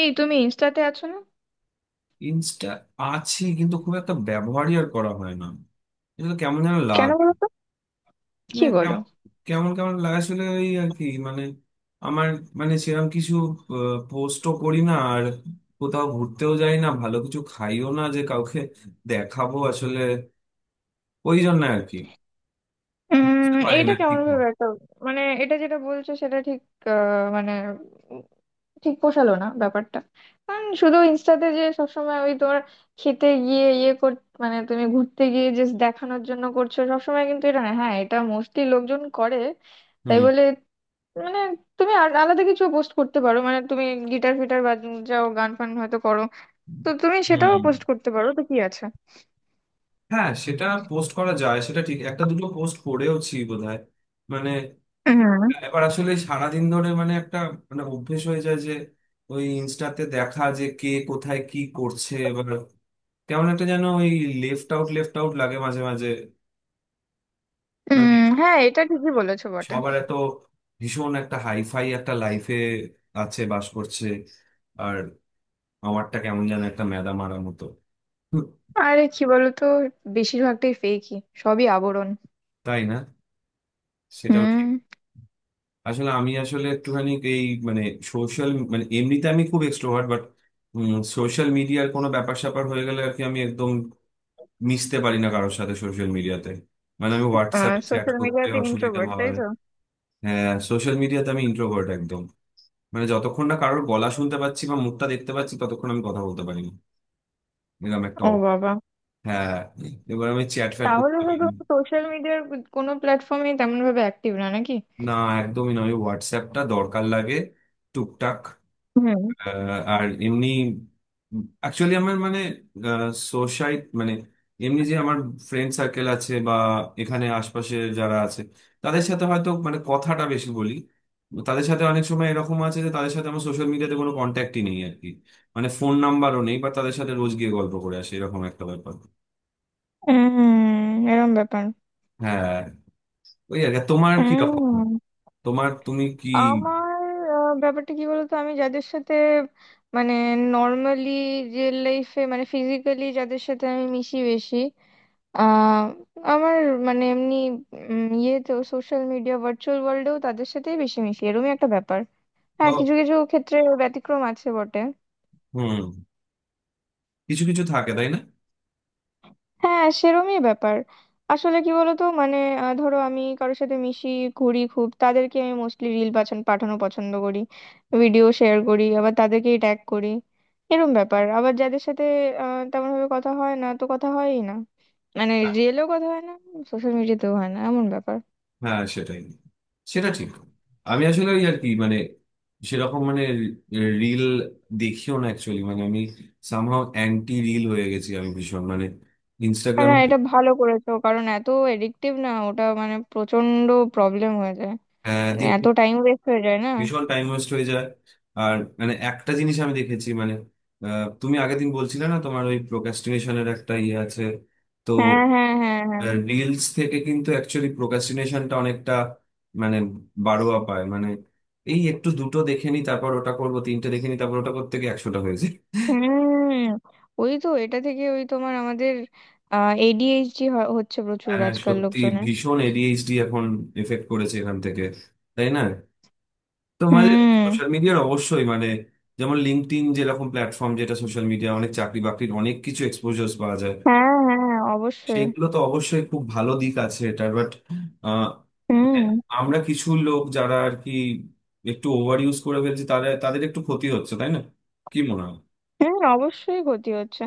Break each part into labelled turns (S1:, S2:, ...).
S1: এই, তুমি ইনস্টাতে আছো না?
S2: ইনস্টা আছে কিন্তু খুব একটা ব্যবহারই আর করা হয় না। এটা তো কেমন যেন
S1: কেন
S2: লাগে।
S1: বলো তো? কি
S2: মানে
S1: বলো?
S2: কেমন কেমন কেমন লাগে আসলে, ওই আর কি। আমার সেরকম কিছু পোস্টও করি না আর, কোথাও ঘুরতেও যাই না, ভালো কিছু খাইও না যে কাউকে দেখাবো আসলে। ওই জন্য আর কি, বুঝতে পারি
S1: এটা
S2: না
S1: কেমন
S2: ঠিক
S1: ভাবে
S2: মতো।
S1: একটা মানে এটা যেটা বলছো সেটা ঠিক। মানে উম, ঠিক পোষালো না ব্যাপারটা। কারণ শুধু ইনস্টাতে যে সবসময় ওই তোমার খেতে গিয়ে ইয়ে কর, মানে তুমি ঘুরতে গিয়ে জাস্ট দেখানোর জন্য করছো সবসময়, কিন্তু এটা না, হ্যাঁ, এটা মোস্টলি লোকজন করে, তাই
S2: হুম।
S1: বলে মানে, তুমি আর আলাদা কিছু পোস্ট করতে পারো, মানে তুমি গিটার ফিটার বাজাও, গান ফান হয়তো করো, তো তুমি
S2: হুম।
S1: সেটাও পোস্ট করতে পারো, তো কি আছে।
S2: হ্যাঁ, সেটা পোস্ট করা যায়, সেটা ঠিক। একটা দুটো পোস্ট করেওছি বোধহয়। মানে
S1: হুম।
S2: এবার আসলে সারাদিন ধরে মানে একটা মানে অভ্যেস হয়ে যায় যে ওই ইনস্টাতে দেখা যে কে কোথায় কি করছে। এবার কেমন একটা যেন ওই লেফট আউট লেফট আউট লাগে মাঝে মাঝে। মানে
S1: উম হ্যাঁ, এটা ঠিকই বলেছো বটে।
S2: সবার এত ভীষণ একটা হাইফাই একটা লাইফে আছে, বাস করছে, আর আমারটা কেমন যেন একটা মেদা মারা মতো। হুম,
S1: আরে, কি বলতো, বেশিরভাগটাই ফেকই, সবই আবরণ।
S2: তাই না? সেটাও ঠিক।
S1: হুম।
S2: আসলে আমি আসলে একটুখানি এই মানে সোশ্যাল, মানে এমনিতে আমি খুব এক্সট্রোভার্ট, বাট সোশ্যাল মিডিয়ার কোনো ব্যাপার স্যাপার হয়ে গেলে আর কি আমি একদম মিশতে পারি না কারোর সাথে সোশ্যাল মিডিয়াতে। মানে আমি হোয়াটসঅ্যাপে চ্যাট
S1: সোশ্যাল
S2: করতে
S1: মিডিয়াতে
S2: অসুবিধা
S1: ইন্ট্রোভার্ট, তাই
S2: হয়।
S1: তো?
S2: হ্যাঁ, সোশ্যাল মিডিয়াতে আমি ইন্ট্রোভার্ট একদম। মানে যতক্ষণ না কারোর গলা শুনতে পাচ্ছি বা মুখটা দেখতে পাচ্ছি ততক্ষণ আমি কথা বলতে পারি না। এরকম একটা
S1: ও
S2: অব-।
S1: বাবা।
S2: হ্যাঁ। এবার আমি চ্যাট ফ্যাট করতে
S1: তাহলে তো
S2: পারি না।
S1: তুমি সোশ্যাল মিডিয়ার কোনো প্ল্যাটফর্মে তেমন ভাবে অ্যাক্টিভ না নাকি?
S2: না, একদমই না। আমি হোয়াটসঅ্যাপটা দরকার লাগে টুকটাক।
S1: হুম।
S2: আহ, আর এমনি অ্যাকচুয়ালি আমার সোসাইটি, মানে এমনি যে আমার ফ্রেন্ড সার্কেল আছে বা এখানে আশপাশে যারা আছে তাদের সাথে হয়তো কথাটা বেশি বলি। তাদের সাথে অনেক সময় এরকম আছে যে তাদের সাথে আমার সোশ্যাল মিডিয়াতে কোনো কন্ট্যাক্টই নেই আর কি। মানে ফোন নাম্বারও নেই, বা তাদের সাথে রোজ গিয়ে গল্প করে আসি এরকম একটা ব্যাপার।
S1: উম, এরম ব্যাপার।
S2: হ্যাঁ, ওই আর কি। আর তোমার কি রকম?
S1: উম,
S2: তুমি কি?
S1: আমার ব্যাপারটা কি বলতো, আমি যাদের সাথে মানে নর্মালি রিয়েল লাইফে মানে ফিজিক্যালি যাদের সাথে আমি মিশি বেশি, আহ আমার মানে এমনি ইয়ে তো সোশ্যাল মিডিয়া ভার্চুয়াল ওয়ার্ল্ডেও তাদের সাথেই বেশি মিশি, এরকমই একটা ব্যাপার। হ্যাঁ,
S2: ও,
S1: কিছু কিছু ক্ষেত্রে ব্যতিক্রম আছে বটে।
S2: হুম। কিছু কিছু থাকে, তাই না?
S1: হ্যাঁ, সেরমই ব্যাপার। আসলে কি বলতো মানে, ধরো আমি কারোর সাথে মিশি ঘুরি খুব, তাদেরকে আমি মোস্টলি রিল পাঠানো পছন্দ করি, ভিডিও শেয়ার করি, আবার তাদেরকেই ট্যাগ করি, এরম ব্যাপার। আবার যাদের সাথে তেমন ভাবে কথা হয় না, তো কথা হয়ই না, মানে রিয়েলেও কথা হয় না, সোশ্যাল মিডিয়াতেও হয় না, এমন ব্যাপার।
S2: হ্যাঁ সেটাই, সেটা ঠিক। আমি আসলে ওই আর কি, মানে সেরকম মানে রিল দেখিও না অ্যাকচুয়ালি। মানে আমি সামহাও অ্যান্টি রিল হয়ে গেছি আমি, ভীষণ। মানে ইনস্টাগ্রাম
S1: না, এটা ভালো করেছো, কারণ এত এডিকটিভ না ওটা, মানে প্রচন্ড প্রবলেম হয়ে যায়, মানে এত
S2: দিয়ে
S1: টাইম ওয়েস্ট হয়ে যায় না।
S2: ভীষণ টাইম ওয়েস্ট হয়ে যায়। আর মানে একটা জিনিস আমি দেখেছি, তুমি আগের দিন বলছিলে না তোমার ওই প্রোক্রাস্টিনেশনের একটা ইয়ে আছে? তো
S1: হ্যাঁ, হ্যাঁ, হ্যাঁ, হ্যাঁ।
S2: রিলস থেকে কিন্তু অ্যাকচুয়ালি প্রোক্রাস্টিনেশনটা অনেকটা মানে বাড়োয়া পায়। মানে এই একটু দুটো দেখে নি তারপর ওটা করবো, তিনটে দেখে নি তারপর ওটা, করতে গিয়ে একশোটা হয়েছে।
S1: হুম। ওই তো এটা থেকে ওই তোমার আমাদের এডিএইচডি হচ্ছে প্রচুর
S2: হ্যাঁ হ্যাঁ,
S1: আজকাল
S2: সত্যি
S1: লোকজনের।
S2: ভীষণ এডিএইচডি এখন এফেক্ট করেছে এখান থেকে, তাই না? তোমাদের
S1: হুম।
S2: সোশ্যাল মিডিয়ার অবশ্যই, মানে যেমন লিঙ্কডইন যেরকম প্ল্যাটফর্ম, যেটা সোশ্যাল মিডিয়া, অনেক চাকরি বাকরির অনেক কিছু এক্সপোজার পাওয়া যায়,
S1: হ্যাঁ, হ্যাঁ, অবশ্যই।
S2: সেগুলো তো অবশ্যই খুব ভালো দিক আছে এটা, বাট মানে
S1: হুম।
S2: আমরা কিছু লোক যারা আর কি একটু ওভার ইউজ করে ফেলছি, তাদের তাদের একটু ক্ষতি হচ্ছে, তাই না? কি মনে হয়?
S1: হ্যাঁ, অবশ্যই ক্ষতি হচ্ছে।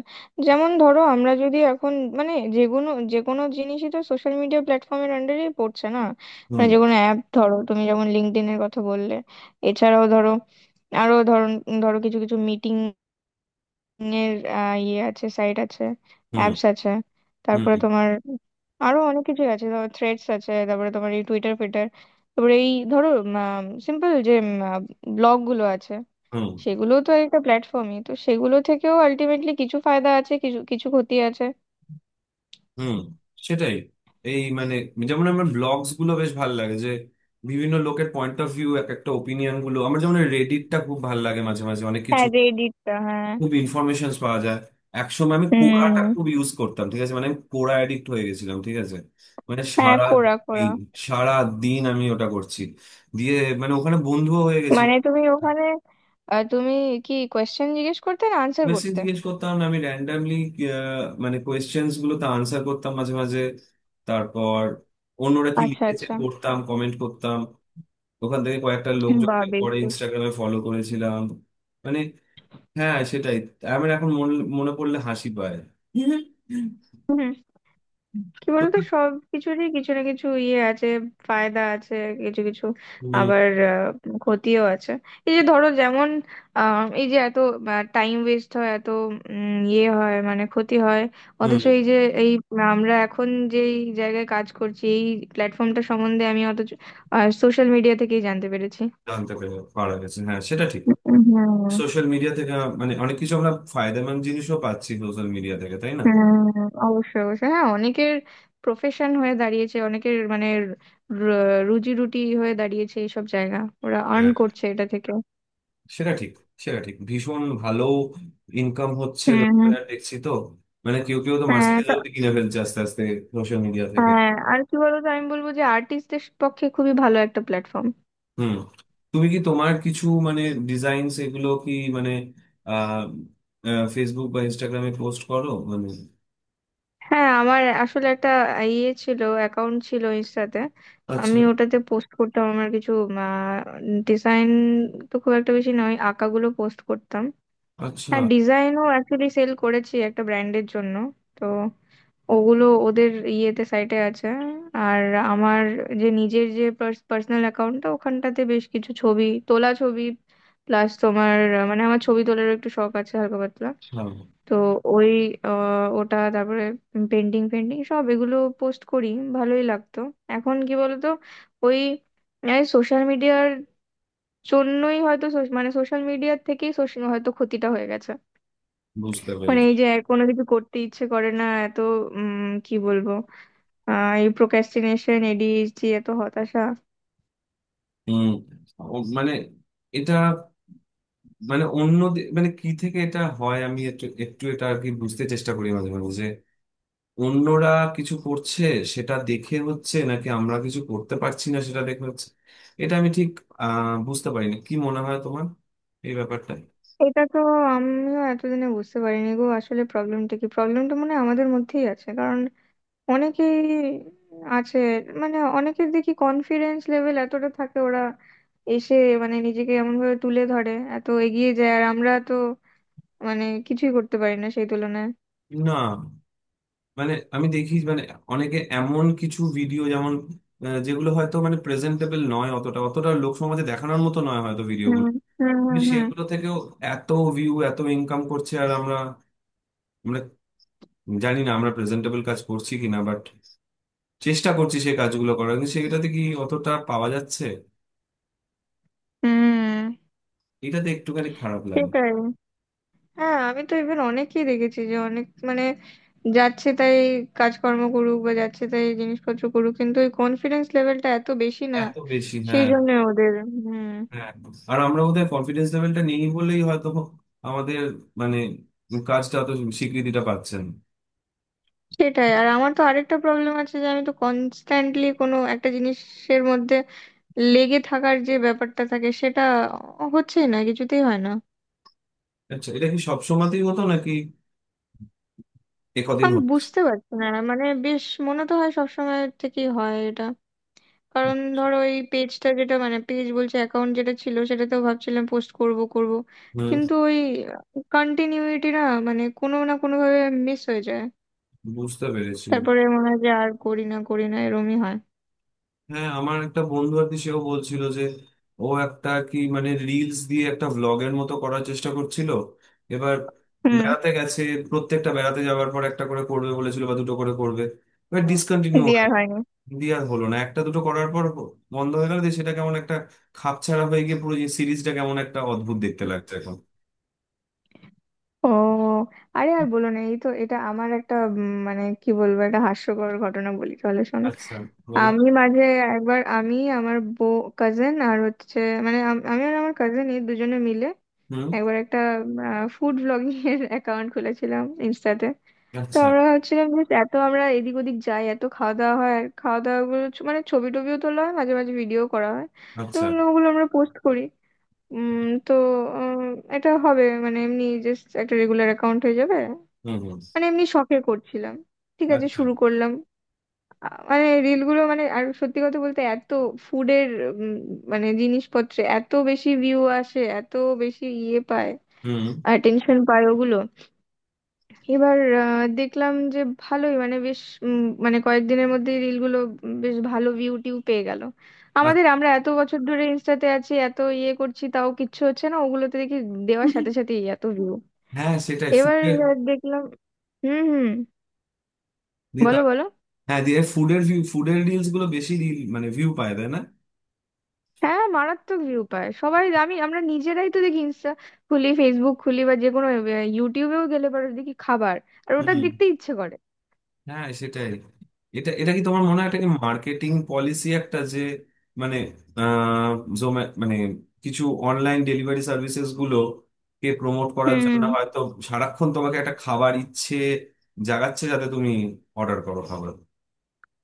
S1: যেমন ধরো আমরা যদি এখন মানে যে কোনো, যে কোনো জিনিসই তো সোশ্যাল মিডিয়া প্ল্যাটফর্মের আন্ডারেই পড়ছে না।
S2: হুম।
S1: মানে যে কোনো অ্যাপ ধরো, তুমি যেমন লিঙ্কডইনের কথা বললে, এছাড়াও ধরো, আরো ধরো ধরো কিছু কিছু মিটিং এর ইয়ে আছে, সাইট আছে,
S2: হুম।
S1: অ্যাপস আছে,
S2: হুম।
S1: তারপরে তোমার আরো অনেক কিছু আছে, ধরো থ্রেডস আছে, তারপরে তোমার এই টুইটার ফিটার, তারপরে এই ধরো সিম্পল যে ব্লগ গুলো আছে,
S2: হুম।
S1: সেগুলো তো একটা প্ল্যাটফর্মই তো, সেগুলো থেকেও আলটিমেটলি কিছু ফায়দা আছে, কিছু কিছু ক্ষতি আছে।
S2: হুম সেটাই। এই মানে যেমন আমার ব্লগস গুলো বেশ ভালো লাগে, যে বিভিন্ন লোকের পয়েন্ট অফ ভিউ, এক একটা ওপিনিয়ন গুলো। আমার যেমন রেডিটটা খুব ভালো লাগে মাঝে মাঝে, অনেক কিছু
S1: হ্যাঁ, রেডিটটা হ্যাঁ।
S2: খুব ইনফরমেশন পাওয়া যায়। একসময় আমি কোরাটা
S1: হুম।
S2: খুব ইউজ করতাম, ঠিক আছে? মানে আমি কোরা অ্যাডিক্ট হয়ে গেছিলাম, ঠিক আছে?
S1: হ্যাঁ,
S2: সারা
S1: কোরা, কোরা।
S2: দিন, সারা দিন আমি ওটা করছি। দিয়ে মানে ওখানে বন্ধুও হয়ে গেছিল।
S1: মানে তুমি ওখানে, তুমি কি কোয়েশ্চেন জিজ্ঞেস করতে না আনসার
S2: কোয়েশ্চেন
S1: করতে?
S2: জিজ্ঞেস করতাম না, আমি র্যান্ডামলি কোয়েশ্চেন্স গুলো তো আনসার করতাম মাঝে মাঝে, তারপর অন্যরা কি
S1: আচ্ছা,
S2: লিখেছে
S1: আচ্ছা।
S2: পড়তাম, কমেন্ট করতাম। ওখান থেকে কয়েকটা
S1: বা
S2: লোকজনকে
S1: বেশ
S2: পরে
S1: তো।
S2: ইনস্টাগ্রামে ফলো করেছিলাম। মানে হ্যাঁ সেটাই। আমার এখন মনে মনে পড়লে হাসি পায়।
S1: হুম। কি বলতো, সব কিছুরই কিছু না কিছু ইয়ে আছে, ফায়দা আছে কিছু কিছু,
S2: হুম।
S1: আবার ক্ষতিও আছে। এই যে ধরো, যেমন এই যে এত টাইম ওয়েস্ট হয়, এত ইয়ে হয় মানে ক্ষতি হয়।
S2: হুম।
S1: অথচ এই যে এই আমরা এখন যেই জায়গায় কাজ করছি, এই প্ল্যাটফর্মটা সম্বন্ধে আমি অথচ সোশ্যাল মিডিয়া থেকেই জানতে পেরেছি।
S2: জানতে পারা গেছে, হ্যাঁ সেটা ঠিক।
S1: হুম,
S2: সোশ্যাল মিডিয়া থেকে অনেক কিছু আমরা ফায়দামন্দ জিনিসও পাচ্ছি সোশ্যাল মিডিয়া থেকে, তাই না?
S1: হুম। অবশ্যই, অবশ্যই, হ্যাঁ, অনেকের প্রফেশন হয়ে দাঁড়িয়েছে, অনেকের মানে রুজি রুটি হয়ে দাঁড়িয়েছে এইসব জায়গা। ওরা আর্ন
S2: হ্যাঁ
S1: করছে এটা থেকে।
S2: সেটা ঠিক, সেটা ঠিক। ভীষণ ভালো ইনকাম হচ্ছে,
S1: হুম, হুম।
S2: লোকেরা দেখছি তো। মানে কেউ কেউ তো
S1: হ্যাঁ
S2: মার্সিডিজ
S1: তো।
S2: অব্দি কিনে ফেলছে আস্তে আস্তে, সোশ্যাল মিডিয়া থেকে।
S1: হ্যাঁ, আর কি বলতো, আমি বলবো যে আর্টিস্টদের পক্ষে খুবই ভালো একটা প্ল্যাটফর্ম।
S2: হুম। তুমি কি তোমার কিছু ডিজাইন, এগুলো কি মানে আহ ফেসবুক বা ইনস্টাগ্রামে পোস্ট করো
S1: হ্যাঁ, আমার আসলে একটা ইয়ে ছিল, অ্যাকাউন্ট ছিল ইনস্টাতে।
S2: আচ্ছা।
S1: আমি ওটাতে পোস্ট করতাম আমার কিছু ডিজাইন, তো খুব একটা বেশি নয়, আঁকাগুলো পোস্ট করতাম।
S2: আচ্ছা।
S1: হ্যাঁ, ডিজাইনও অ্যাকচুয়ালি সেল করেছি একটা ব্র্যান্ডের জন্য, তো ওগুলো ওদের ইয়েতে সাইটে আছে। আর আমার যে নিজের যে পার্সোনাল অ্যাকাউন্টটা, ওখানটাতে বেশ কিছু ছবি, তোলা ছবি প্লাস তোমার মানে আমার ছবি তোলার একটু শখ আছে হালকা পাতলা।
S2: আচ্ছা।
S1: তো ওই ওটা তারপরে পেন্টিং পেন্টিং সব এগুলো পোস্ট করি, ভালোই লাগতো। এখন কি বলতো, ওই সোশ্যাল মিডিয়ার জন্যই হয়তো মানে সোশ্যাল মিডিয়ার থেকেই social হয়তো ক্ষতিটা হয়ে গেছে।
S2: বুঝতে
S1: মানে এই
S2: পেরেছি।
S1: যে কোনো কিছু করতে ইচ্ছে করে না, এত উম কি বলবো, এই প্রোক্রাস্টিনেশন, এডিএইচডি, এত হতাশা।
S2: উম, ও- মানে এটা অন্য দে- মানে কি থেকে এটা হয় আমি একটু একটু এটা আর কি বুঝতে চেষ্টা করি মাঝে মাঝে, যে অন্যরা কিছু করছে সেটা দেখে হচ্ছে নাকি আমরা কিছু করতে পারছি না সেটা দেখে হচ্ছে। এটা আমি ঠিক বুঝতে পারি না। কি মনে হয় তোমার এই ব্যাপারটা?
S1: এটা তো আমিও এতদিনে বুঝতে পারিনি গো, আসলে প্রবলেমটা কি, প্রবলেমটা মনে হয় আমাদের মধ্যেই আছে, কারণ অনেকেই আছে, মানে অনেকের দেখি কনফিডেন্স লেভেল এতটা থাকে, ওরা এসে মানে নিজেকে এমন ভাবে তুলে ধরে, এত এগিয়ে যায়, আর আমরা তো মানে কিছুই করতে পারি না সেই তুলনায়।
S2: না মানে আমি দেখি অনেকে এমন কিছু ভিডিও, যেগুলো হয়তো মানে প্রেজেন্টেবল নয় অতটা, অতটা লোক সমাজে দেখানোর মতো নয় হয়তো
S1: হুম,
S2: ভিডিওগুলো,
S1: হুম, হুম,
S2: কিন্তু
S1: হুম,
S2: সেগুলো থেকেও এত ভিউ, এত ইনকাম করছে। আর আমরা আমরা জানি না আমরা প্রেজেন্টেবল কাজ করছি কিনা, বাট চেষ্টা করছি সেই কাজগুলো করার, কিন্তু সেটাতে কি অতটা পাওয়া যাচ্ছে?
S1: হুম,
S2: এটাতে একটুখানি খারাপ লাগে।
S1: সেটাই। হ্যাঁ, আমি তো ইভেন অনেকেই দেখেছি যে অনেক মানে যাচ্ছে তাই কাজকর্ম করুক বা যাচ্ছে তাই জিনিসপত্র করুক, কিন্তু ওই কনফিডেন্স লেভেলটা এত বেশি না,
S2: এত বেশি,
S1: সেই
S2: হ্যাঁ।
S1: জন্য ওদের। হুম,
S2: হ্যাঁ, আর আমরা ওদের কনফিডেন্স লেভেলটা নেই বলেই হয়তো আমাদের মানে কাজটা অত স্বীকৃতিটা পাচ্ছেন।
S1: সেটাই। আর আমার তো আরেকটা প্রবলেম আছে যে, আমি তো কনস্ট্যান্টলি কোনো একটা জিনিসের মধ্যে লেগে থাকার যে ব্যাপারটা থাকে সেটা হচ্ছেই না, কিছুতেই হয় না।
S2: আচ্ছা, এটা কি সব সময়তেই হতো, নাকি একদিন
S1: আমি
S2: হতো?
S1: বুঝতে পারছি না, মানে বেশ মনে তো হয় সবসময় থেকেই হয় এটা। কারণ ধরো এই পেজটা, যেটা মানে পেজ বলছে, অ্যাকাউন্ট যেটা ছিল সেটা তো ভাবছিলাম পোস্ট করব করব,
S2: হম।
S1: কিন্তু ওই কন্টিনিউইটি না, মানে কোনো না কোনো ভাবে মিস হয়ে যায়,
S2: বুঝতে পেরেছি।
S1: তারপরে মনে হয় যে আর করি না করি না, এরমই হয়।
S2: হ্যাঁ, আমার একটা বন্ধু আর কি, সেও বলছিল যে ও একটা আর কি রিলস দিয়ে একটা ভ্লগের মতো করার চেষ্টা করছিল। এবার
S1: হুম।
S2: বেড়াতে গেছে, প্রত্যেকটা বেড়াতে যাওয়ার পর একটা করে করবে বলেছিল বা দুটো করে করবে। এবার ডিসকন্টিনিউ
S1: দিয়ে
S2: হয়,
S1: আর হয়নি।
S2: দিয়ে আর হলো না একটা দুটো করার পর, বন্ধ হয়ে গেল। দিয়ে সেটা কেমন একটা খাপছাড়া হয়ে গিয়ে পুরো সিরিজটা কেমন একটা অদ্ভুত দেখতে লাগছে এখন।
S1: ও। আরে, আর বলো না, এই তো, এটা আমার একটা মানে কি বলবো, একটা হাস্যকর ঘটনা বলি তাহলে, শোনো।
S2: আচ্ছা, বলো।
S1: আমি মাঝে একবার, আমি আমার বউ কাজিন আর হচ্ছে মানে আমি আর আমার কাজিন এই দুজনে মিলে
S2: হুম।
S1: একবার একটা ফুড ব্লগিং এর অ্যাকাউন্ট খুলেছিলাম ইনস্টাতে। তো
S2: আচ্ছা।
S1: আমরা ভাবছিলাম যে, এত আমরা এদিক ওদিক যাই, এত খাওয়া দাওয়া হয়, আর খাওয়া দাওয়া গুলো মানে ছবি টবিও তোলা হয় মাঝে মাঝে, ভিডিও করা হয়। তো
S2: আচ্ছা।
S1: ওগুলো আমরা পোস্ট করি। উম তো উম, এটা হবে মানে এমনি জাস্ট একটা রেগুলার অ্যাকাউন্ট হয়ে যাবে,
S2: হুম। হুম।
S1: মানে এমনি শখে করছিলাম। ঠিক আছে,
S2: আচ্ছা।
S1: শুরু করলাম। মানে রিল গুলো মানে, আর সত্যি কথা বলতে এত ফুডের মানে জিনিসপত্রে এত বেশি ভিউ আসে, এত বেশি ইয়ে পায়,
S2: হুম।
S1: আর টেনশন পায় ওগুলো। এবার দেখলাম যে ভালোই মানে বেশ মানে কয়েকদিনের মধ্যে রিলগুলো বেশ ভালো ভিউ টিউ পেয়ে গেল।
S2: আচ্ছা।
S1: আমরা এত বছর ধরে ইনস্টাতে আছি, এত ইয়ে করছি, তাও কিচ্ছু হচ্ছে না ওগুলোতে দেখি। দেওয়ার সাথে সাথেই এত ভিউ।
S2: হ্যাঁ সেটাই,
S1: এবার
S2: ফুটের।
S1: দেখলাম। হুম, হুম। বলো, বলো।
S2: হ্যাঁ, দিয়ে ফুডের ভিউ, ফুডের রিলস গুলো বেশি রিল মানে ভিউ পায়, তাই না?
S1: হ্যাঁ, মারাত্মক ভিউ পায় সবাই। আমরা নিজেরাই তো দেখি, ইনস্টা খুলি, ফেসবুক খুলি, বা যে কোনো, ইউটিউবেও গেলে পরে দেখি খাবার, আর ওটা
S2: হুম।
S1: দেখতে ইচ্ছে করে।
S2: হ্যাঁ সেটাই। এটা এটা কি তোমার মনে হয় এটা কি মার্কেটিং পলিসি একটা, যে মানে আহ জোমা কিছু অনলাইন ডেলিভারি সার্ভিসেস গুলো কে প্রমোট করার
S1: হুম,
S2: জন্য
S1: হুম।
S2: হয়তো সারাক্ষণ তোমাকে একটা খাবার ইচ্ছে জাগাচ্ছে, যাতে তুমি অর্ডার করো খাবার?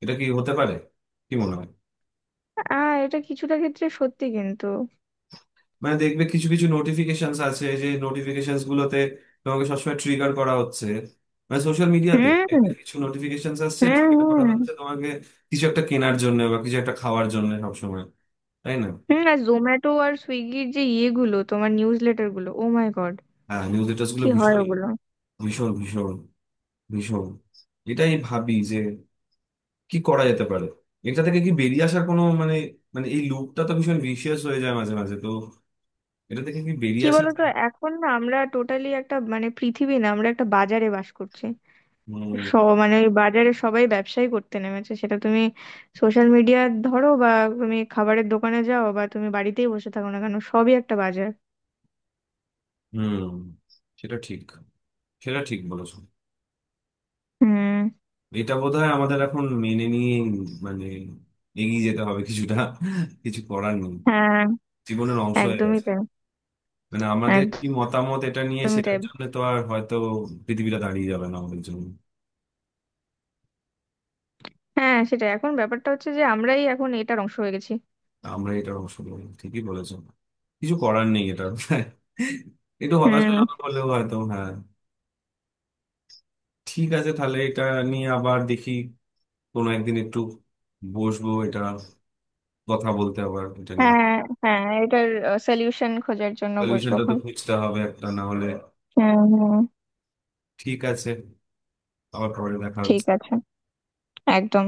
S2: এটা কি হতে পারে? কি মনে হয়?
S1: এটা কিছুটা ক্ষেত্রে সত্যি কিন্তু।
S2: দেখবে কিছু কিছু নোটিফিকেশন আছে, যে নোটিফিকেশন গুলোতে তোমাকে সবসময় ট্রিগার করা হচ্ছে, মানে সোশ্যাল
S1: হুম,
S2: মিডিয়াতে
S1: হুম,
S2: কিছু নোটিফিকেশন আসছে, ট্রিগার করা
S1: হুম,
S2: হচ্ছে তোমাকে কিছু একটা কেনার জন্য বা কিছু একটা খাওয়ার জন্য সবসময়, তাই না?
S1: হুম। আর জোম্যাটো আর সুইগির যে ইয়েগুলো, তোমার নিউজ লেটার গুলো, ও মাই গড,
S2: হ্যাঁ, নিউজ লেটার্স গুলো
S1: কি হয়
S2: ভীষণ,
S1: ওগুলো!
S2: ভীষণ ভীষণ ভীষণ। এটাই ভাবি যে কি করা যেতে পারে, এটা থেকে কি বেরিয়ে আসার কোনো মানে মানে এই লুপটা তো ভীষণ ভিশিয়াস হয়ে যায় মাঝে মাঝে তো। এটা থেকে কি বেরিয়ে
S1: কি
S2: আসা
S1: বলতো,
S2: যায়?
S1: এখন না আমরা টোটালি একটা মানে পৃথিবী না, আমরা একটা বাজারে বাস করছি।
S2: হুম।
S1: সব মানে ওই বাজারে সবাই ব্যবসাই করতে নেমেছে, সেটা তুমি সোশ্যাল মিডিয়া ধরো, বা তুমি খাবারের দোকানে যাও, বা তুমি বাড়িতেই বসে থাকো না কেন, সবই একটা বাজার।
S2: হুম। সেটা ঠিক, সেটা ঠিক বলেছো।
S1: হুম।
S2: এটা বোধহয় আমাদের এখন মেনে নিয়ে মানে এগিয়ে যেতে হবে কিছুটা, কিছু করার নেই।
S1: হ্যাঁ,
S2: জীবনের অংশ হয়ে
S1: একদমই
S2: গেছে।
S1: তাই।
S2: মানে আমাদের কি মতামত এটা নিয়ে
S1: একদমই
S2: সেটার
S1: তাই।
S2: জন্য তো আর হয়তো পৃথিবীটা দাঁড়িয়ে যাবে না আমাদের জন্য।
S1: হ্যাঁ, সেটাই, এখন ব্যাপারটা হচ্ছে যে আমরাই এখন এটার অংশ হয়ে গেছি।
S2: আমরা এটার অংশ হবো। ঠিকই বলেছো, কিছু করার নেই এটা। একটু হতাশ
S1: হুম।
S2: হলাম হলেও, হয়তো হ্যাঁ। ঠিক আছে, তাহলে এটা নিয়ে আবার দেখি কোনো একদিন, একটু বসবো এটা, কথা বলতে আবার এটা নিয়ে।
S1: হ্যাঁ, হ্যাঁ, এটার সলিউশন খোঁজার জন্য বসবো
S2: সলিউশনটা তো
S1: এখন।
S2: খুঁজতে হবে একটা, না হলে।
S1: হুম, হুম।
S2: ঠিক আছে, আবার পরে দেখা
S1: ঠিক
S2: হচ্ছে।
S1: আছে। একদম।